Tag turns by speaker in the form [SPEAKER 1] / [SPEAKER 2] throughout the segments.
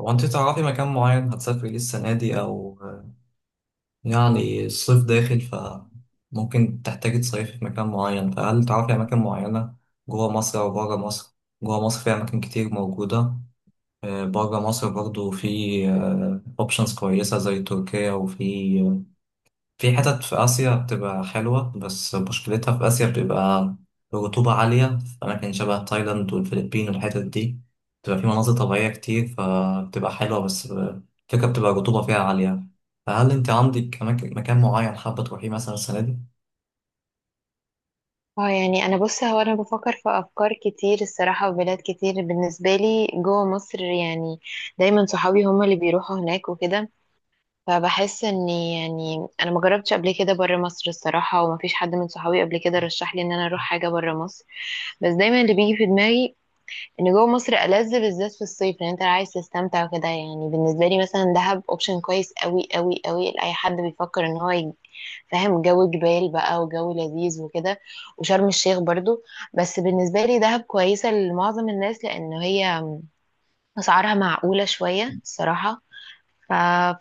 [SPEAKER 1] هو انت تعرفي مكان معين هتسافري ليه السنة دي أو يعني الصيف داخل، فممكن تحتاجي تصيفي في مكان معين. فهل تعرفي أماكن معينة جوه مصر أو بره مصر؟ جوه مصر في أماكن كتير موجودة. بره مصر برضو في أوبشنز كويسة زي تركيا، وفي في حتت في آسيا بتبقى حلوة، بس مشكلتها في آسيا بتبقى الرطوبة عالية في أماكن شبه تايلاند والفلبين والحتت دي. بتبقى في مناظر طبيعية كتير، فبتبقى حلوة، بس الفكرة بتبقى الرطوبة فيها عالية. فهل أنت عندك أماكن مكان معين حابة تروحيه مثلا السنة دي؟
[SPEAKER 2] اه يعني انا بص هو انا بفكر في افكار كتير الصراحه، وبلاد كتير بالنسبه لي جوه مصر. يعني دايما صحابي هما اللي بيروحوا هناك وكده. فبحس اني، يعني، انا ما جربتش قبل كده بره مصر الصراحه، وما فيش حد من صحابي قبل كده رشح لي ان انا اروح حاجه بره مصر. بس دايما اللي بيجي في دماغي ان جوه مصر ألذ، بالذات في الصيف، لان انت عايز تستمتع وكده. يعني بالنسبه لي مثلا دهب اوبشن كويس قوي قوي قوي لاي حد بيفكر ان هو فاهم، جو جبال بقى وجو لذيذ وكده. وشرم الشيخ برضو. بس بالنسبه لي دهب كويسه لمعظم الناس، لان هي اسعارها معقوله شويه الصراحه. ف...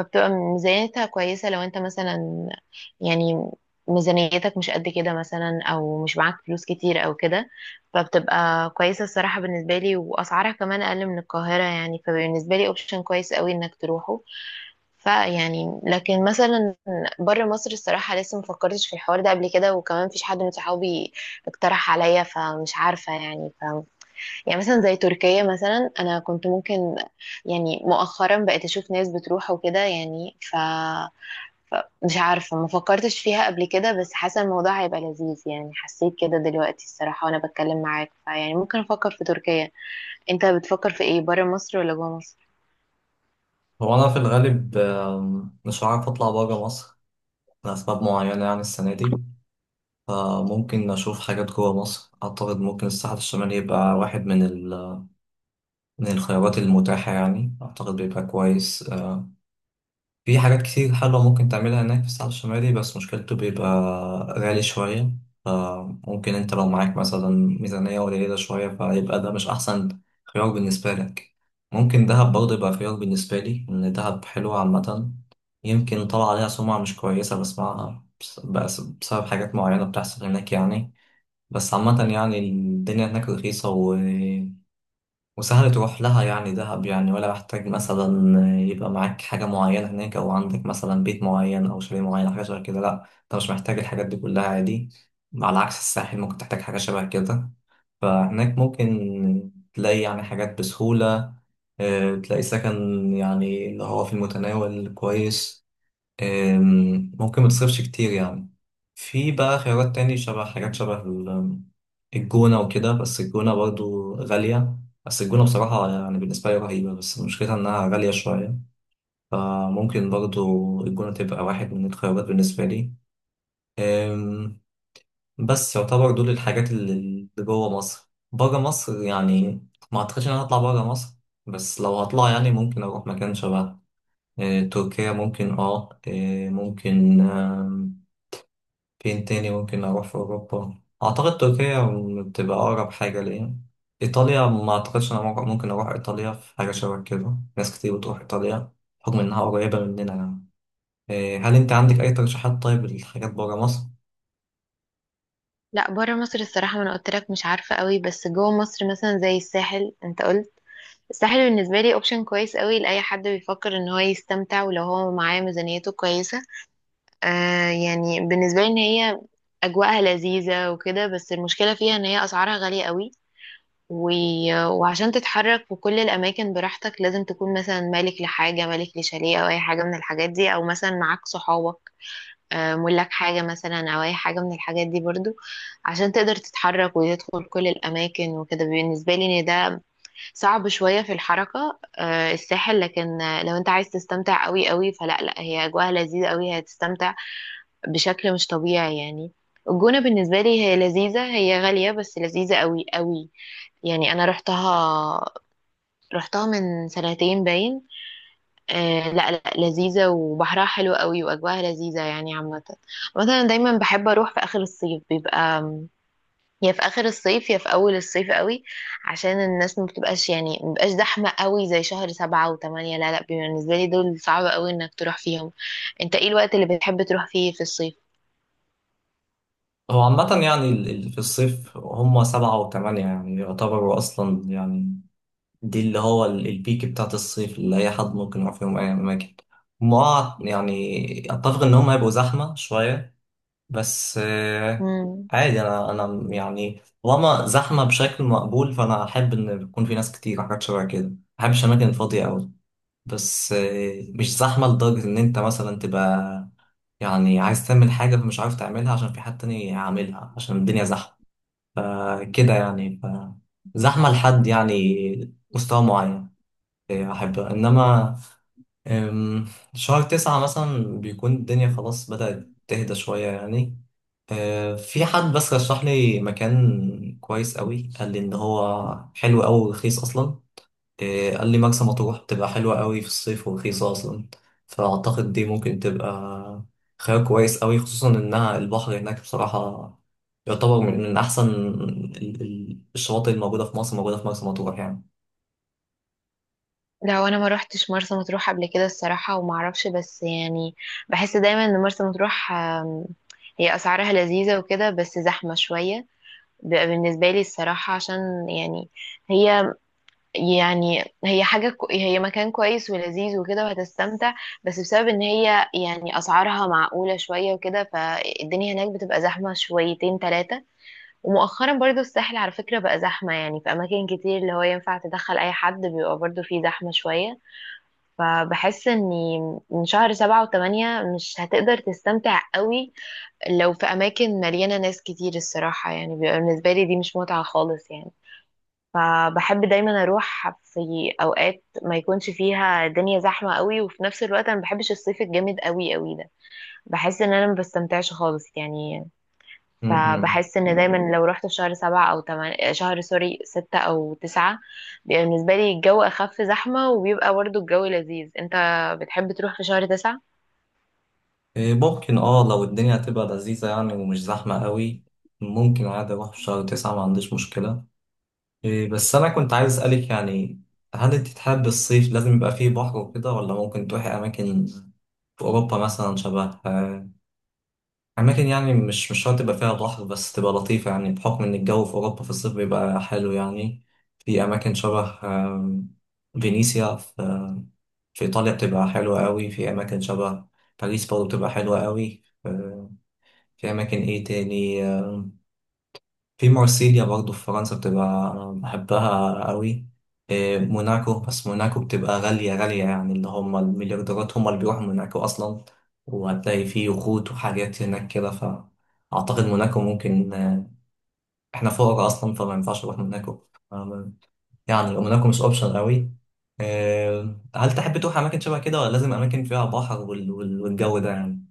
[SPEAKER 2] فبتبقى ميزانيتها كويسة لو انت مثلا، يعني، ميزانيتك مش قد كده مثلا، او مش معاك فلوس كتير او كده، فبتبقى كويسة الصراحة بالنسبة لي. واسعارها كمان اقل من القاهرة يعني، فبالنسبة لي اوبشن كويس قوي انك تروحه. فيعني، لكن مثلا بره مصر الصراحة لسه مفكرتش في الحوار ده قبل كده، وكمان مفيش حد من صحابي اقترح عليا، فمش عارفة يعني. يعني مثلا زي تركيا مثلا، انا كنت ممكن، يعني مؤخرا بقيت اشوف ناس بتروح وكده يعني. ف مش عارفة ما فكرتش فيها قبل كده، بس حاسة الموضوع هيبقى لذيذ يعني، حسيت كده دلوقتي الصراحة وانا بتكلم معاك. فيعني ممكن افكر في تركيا. انت بتفكر في ايه، برا مصر ولا جوا مصر؟
[SPEAKER 1] هو أنا في الغالب مش عارف أطلع برا مصر لأسباب معينة يعني السنة دي. فممكن أشوف حاجات جوا مصر. أعتقد ممكن الساحل الشمالي يبقى واحد من من الخيارات المتاحة يعني. أعتقد بيبقى كويس. في حاجات كتير حلوة ممكن تعملها هناك في الساحل الشمالي، بس مشكلته بيبقى غالي شوية. فممكن انت لو معاك مثلا ميزانية قليلة شوية فيبقى ده مش أحسن خيار بالنسبة لك. ممكن دهب برضه يبقى خيار بالنسبة لي، إن دهب حلوة عامة. يمكن طلع عليها سمعة مش كويسة بسمعها، بس بسبب حاجات معينة بتحصل هناك يعني. بس عامة يعني الدنيا هناك رخيصة وسهل تروح لها، يعني دهب يعني. ولا محتاج مثلا يبقى معاك حاجة معينة هناك، أو عندك مثلا بيت معين أو شاليه معين حاجة شبه كده. لأ، أنت مش محتاج الحاجات دي كلها، عادي. على عكس الساحل ممكن تحتاج حاجة شبه كده. فهناك ممكن تلاقي يعني حاجات بسهولة. تلاقي سكن يعني اللي هو في المتناول كويس. ممكن ما تصرفش كتير يعني. في بقى خيارات تاني شبه حاجات شبه الجونة وكده، بس الجونة برضو غالية. بس الجونة بصراحة يعني بالنسبة لي رهيبة، بس مشكلتها إنها غالية شوية. فممكن برضو الجونة تبقى واحد من الخيارات بالنسبة لي. أم، بس يعتبر دول الحاجات اللي جوه مصر بره مصر يعني. ما أعتقدش إن أنا هطلع بره مصر. بس لو هطلع يعني ممكن أروح مكان شبه تركيا ممكن اه أه، ممكن. فين تاني ممكن أروح في أوروبا؟ أعتقد تركيا بتبقى أقرب حاجة ليا. إيطاليا ما أعتقدش أنا ممكن أروح إيطاليا في حاجة شبه كده. ناس كتير بتروح إيطاليا بحكم إنها قريبة مننا يعني. هل أنت عندك أي ترشيحات طيب لحاجات برا مصر؟
[SPEAKER 2] لا، برا مصر الصراحة ما انا قلت لك مش عارفة قوي. بس جوا مصر مثلا زي الساحل، انت قلت. الساحل بالنسبة لي اوبشن كويس قوي لأي حد بيفكر ان هو يستمتع، ولو هو معاه ميزانيته كويسة. يعني بالنسبة لي ان هي اجواءها لذيذة وكده، بس المشكلة فيها ان هي اسعارها غالية قوي. و... وعشان تتحرك في كل الاماكن براحتك لازم تكون مثلا مالك لحاجة، مالك لشاليه او اي حاجة من الحاجات دي، او مثلا معاك صحابك، ملاك حاجة مثلا او اي حاجة من الحاجات دي برضو، عشان تقدر تتحرك وتدخل كل الاماكن وكده. بالنسبة لي ان ده صعب شوية في الحركة، الساحل. لكن لو انت عايز تستمتع قوي قوي فلا لا، هي اجواءها لذيذة قوي، هتستمتع بشكل مش طبيعي يعني. الجونة بالنسبة لي هي لذيذة، هي غالية بس لذيذة قوي قوي. يعني انا رحتها من سنتين باين. آه لا لا، لذيذة وبحرها حلو قوي واجواها لذيذة يعني عامة. مثلا دايما بحب اروح في اخر الصيف، بيبقى يا في اخر الصيف يا في اول الصيف قوي، عشان الناس ما بتبقاش زحمة قوي زي شهر 7 و8. لا لا، بالنسبة لي دول صعب قوي انك تروح فيهم. انت ايه الوقت اللي بتحب تروح فيه في
[SPEAKER 1] هو عامة يعني في الصيف هما 7 و8 يعني يعتبروا أصلا يعني. دي اللي هو البيك بتاعت الصيف اللي أي حد ممكن يروح فيهم أي أماكن. هما يعني أتفق إن هما هيبقوا زحمة شوية، بس
[SPEAKER 2] الصيف؟
[SPEAKER 1] عادي. انا يعني طالما زحمه بشكل مقبول فانا احب ان يكون في ناس كتير حاجات شبه كده، ما بحبش اماكن فاضيه قوي. بس مش زحمه لدرجه ان انت مثلا تبقى يعني عايز تعمل حاجه فمش عارف تعملها عشان في حد تاني عاملها عشان الدنيا زحمه، كده يعني. ف زحمه لحد يعني مستوى معين احبها، انما آم، شهر 9 مثلا بيكون الدنيا خلاص بدأت تهدى شوية يعني. في حد بس رشح لي مكان كويس قوي، قال لي ان هو حلو قوي ورخيص اصلا. قال لي مرسى مطروح بتبقى حلوه قوي في الصيف ورخيصه اصلا. فاعتقد دي ممكن تبقى خيار كويس قوي، خصوصا انها البحر هناك بصراحه يعتبر من احسن الشواطئ الموجوده في مصر موجوده في مرسى مطروح يعني.
[SPEAKER 2] لا وانا ما روحتش مرسى مطروح قبل كده الصراحه، وما اعرفش بس يعني. بحس دايما ان مرسى مطروح، هي اسعارها لذيذه وكده بس زحمه شويه بيبقى بالنسبه لي الصراحه، عشان يعني هي هي هي مكان كويس ولذيذ وكده وهتستمتع، بس بسبب ان هي، يعني، اسعارها معقوله شويه وكده، فالدنيا هناك بتبقى زحمه شويتين ثلاثه. ومؤخرا برضو الساحل على فكره بقى زحمه، يعني في اماكن كتير اللي هو ينفع تدخل اي حد، بيبقى برضو فيه زحمه شويه. فبحس اني من شهر 7 و8 مش هتقدر تستمتع قوي لو في اماكن مليانة ناس كتير الصراحة. يعني بيبقى بالنسبة لي دي مش متعة خالص يعني. فبحب دايما اروح في اوقات ما يكونش فيها الدنيا زحمة قوي. وفي نفس الوقت انا ما بحبش الصيف الجامد قوي قوي ده، بحس ان انا ما بستمتعش خالص يعني.
[SPEAKER 1] م-م.
[SPEAKER 2] فبحس ان دايما لو رحت في شهر 7 او 8، شهر سوري، 6 او 9، بيبقى بالنسبة لي الجو اخف زحمة وبيبقى برضه الجو لذيذ. انت بتحب تروح في شهر 9؟
[SPEAKER 1] ممكن اه لو الدنيا هتبقى لذيذه يعني ومش زحمه قوي، ممكن عادي اروح في شهر 9، ما عنديش مشكله. بس أنا كنت عايز أسألك يعني، هل أنت تحب الصيف لازم يبقى فيه بحر وكده، ولا ممكن تروحي أماكن في أوروبا مثلا شبه أماكن يعني مش شرط يبقى فيها بحر بس تبقى لطيفة، يعني بحكم إن الجو في أوروبا في الصيف بيبقى حلو يعني. في أماكن شبه فينيسيا في في إيطاليا بتبقى حلوة قوي. في أماكن شبه باريس برضه بتبقى حلوة قوي. في أماكن إيه تاني في مارسيليا برضه في فرنسا، بتبقى أنا بحبها قوي. موناكو. بس موناكو بتبقى غالية غالية يعني، اللي هم المليارديرات هم اللي بيروحوا موناكو أصلا، وهتلاقي فيه يخوت وحاجات هناك كده. فأعتقد موناكو ممكن إحنا فقراء أصلا فما ينفعش نروح موناكو. آه، يعني موناكو مش أوبشن قوي. هل تحب تروح أماكن شبه كده ولا لازم أماكن فيها بحر والجو ده يعني؟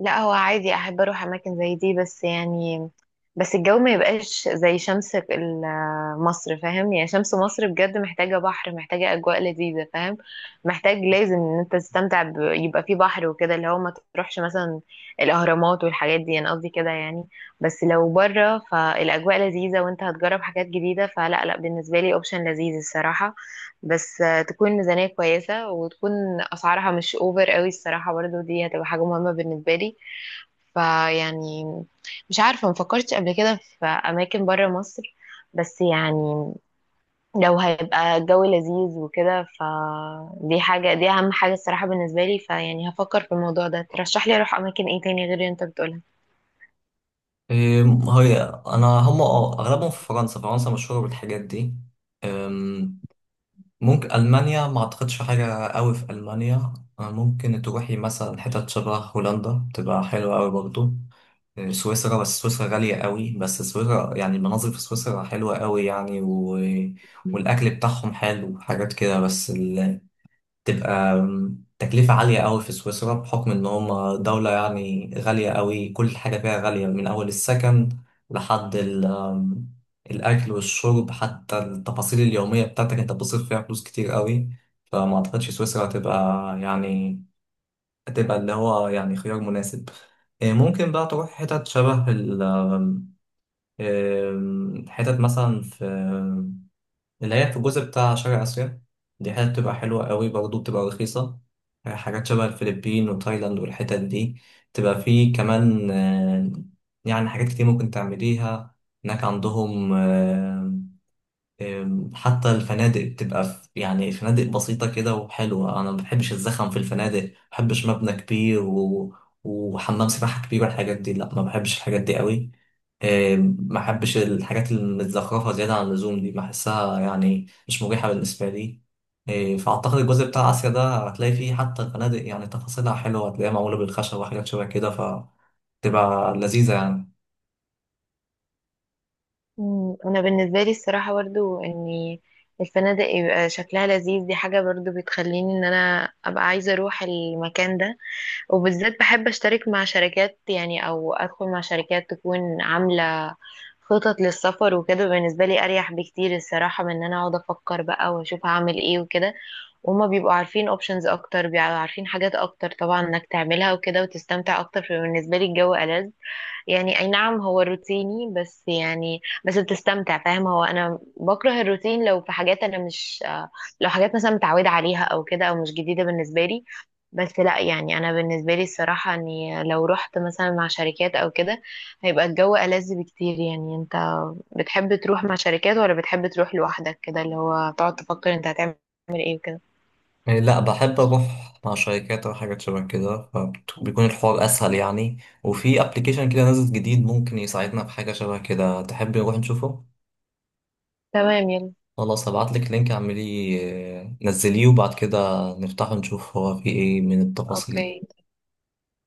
[SPEAKER 2] لا هو عادي، احب اروح اماكن زي دي بس يعني، بس الجو ما يبقاش زي شمس مصر، فاهم؟ يعني شمس مصر بجد محتاجة بحر، محتاجة اجواء لذيذة، فاهم؟ محتاج، لازم ان انت تستمتع يبقى في بحر وكده، اللي هو ما تروحش مثلا الاهرامات والحاجات دي، انا قصدي كده يعني. بس لو بره فالاجواء لذيذة وانت هتجرب حاجات جديدة فلا لا، بالنسبة لي اوبشن لذيذ الصراحة. بس تكون ميزانية كويسة، وتكون أسعارها مش أوفر قوي الصراحة برضو، دي هتبقى حاجة مهمة بالنسبة لي. فيعني، مش عارفة مفكرتش قبل كده في أماكن برا مصر. بس يعني لو هيبقى الجو لذيذ وكده فدي حاجة، دي أهم حاجة الصراحة بالنسبة لي. فيعني هفكر في الموضوع ده. ترشح لي أروح أماكن إيه تاني غير اللي أنت بتقولها؟
[SPEAKER 1] إيه، هي أنا هم اه أغلبهم في فرنسا. فرنسا مشهورة بالحاجات دي. ممكن ألمانيا، ما أعتقدش في حاجة قوي في ألمانيا. ممكن تروحي مثلا حتت شبه هولندا، تبقى حلوة قوي برضو. سويسرا. بس سويسرا غالية قوي، بس سويسرا يعني المناظر في سويسرا حلوة قوي يعني. والأكل بتاعهم حلو حاجات كده، بس تبقى تكلفة عالية قوي في سويسرا بحكم إن هم دولة يعني غالية قوي، كل حاجة فيها غالية من أول السكن لحد ال آم، الأكل والشرب، حتى التفاصيل اليومية بتاعتك أنت بتصرف فيها فلوس كتير قوي. فما أعتقدش سويسرا هتبقى يعني هتبقى اللي هو يعني خيار مناسب. ممكن بقى تروح حتت شبه ال آم، آم، حتت مثلا في اللي هي في الجزء بتاع شرق آسيا. دي حتة بتبقى حلوة قوي برضه، بتبقى رخيصة. حاجات شبه الفلبين وتايلاند والحتت دي، تبقى فيه كمان يعني حاجات كتير ممكن تعمليها هناك عندهم. آه، أم، حتى الفنادق بتبقى في يعني فنادق بسيطة كده وحلوة. أنا ما بحبش الزخم في الفنادق، ما بحبش مبنى كبير وحمام سباحة كبير والحاجات دي. لا، ما بحبش الحاجات دي قوي. ما بحبش الحاجات المتزخرفة زيادة عن اللزوم دي، بحسها يعني مش مريحة بالنسبة لي. فأعتقد الجزء بتاع آسيا ده هتلاقي فيه حتى الفنادق يعني تفاصيلها حلوة، هتلاقيها معمولة بالخشب وحاجات شبه كده فتبقى لذيذة يعني.
[SPEAKER 2] مم. انا بالنسبه لي الصراحه برضو ان الفنادق يبقى شكلها لذيذ، دي حاجه برضو بتخليني ان انا ابقى عايزه اروح المكان ده. وبالذات بحب اشترك مع شركات يعني، او ادخل مع شركات تكون عامله خطط للسفر وكده. بالنسبه لي اريح بكتير الصراحه من ان انا اقعد افكر بقى واشوف هعمل ايه وكده. وهما بيبقوا عارفين اوبشنز اكتر، بيبقوا عارفين حاجات اكتر طبعا انك تعملها وكده وتستمتع اكتر، فبالنسبه لي الجو ألذ. يعني اي نعم هو روتيني بس يعني، بس بتستمتع فاهم. هو انا بكره الروتين لو في حاجات انا مش لو حاجات مثلا متعوده عليها او كده او مش جديده بالنسبه لي. بس لا يعني، انا بالنسبه لي الصراحه اني لو رحت مثلا مع شركات او كده هيبقى الجو ألذ بكتير يعني. انت بتحب تروح مع شركات ولا بتحب تروح لوحدك كده اللي هو تقعد تفكر انت هتعمل ايه وكده؟
[SPEAKER 1] يعني لا، بحب اروح مع شركات او حاجات شبه كده فبيكون الحوار اسهل يعني. وفي ابلكيشن كده نازل جديد ممكن يساعدنا في حاجه شبه كده، تحب نروح نشوفه؟
[SPEAKER 2] تمام يلا.
[SPEAKER 1] خلاص، هبعت لك لينك اعمليه نزليه، وبعد كده نفتحه نشوف هو فيه ايه من التفاصيل.
[SPEAKER 2] اوكي.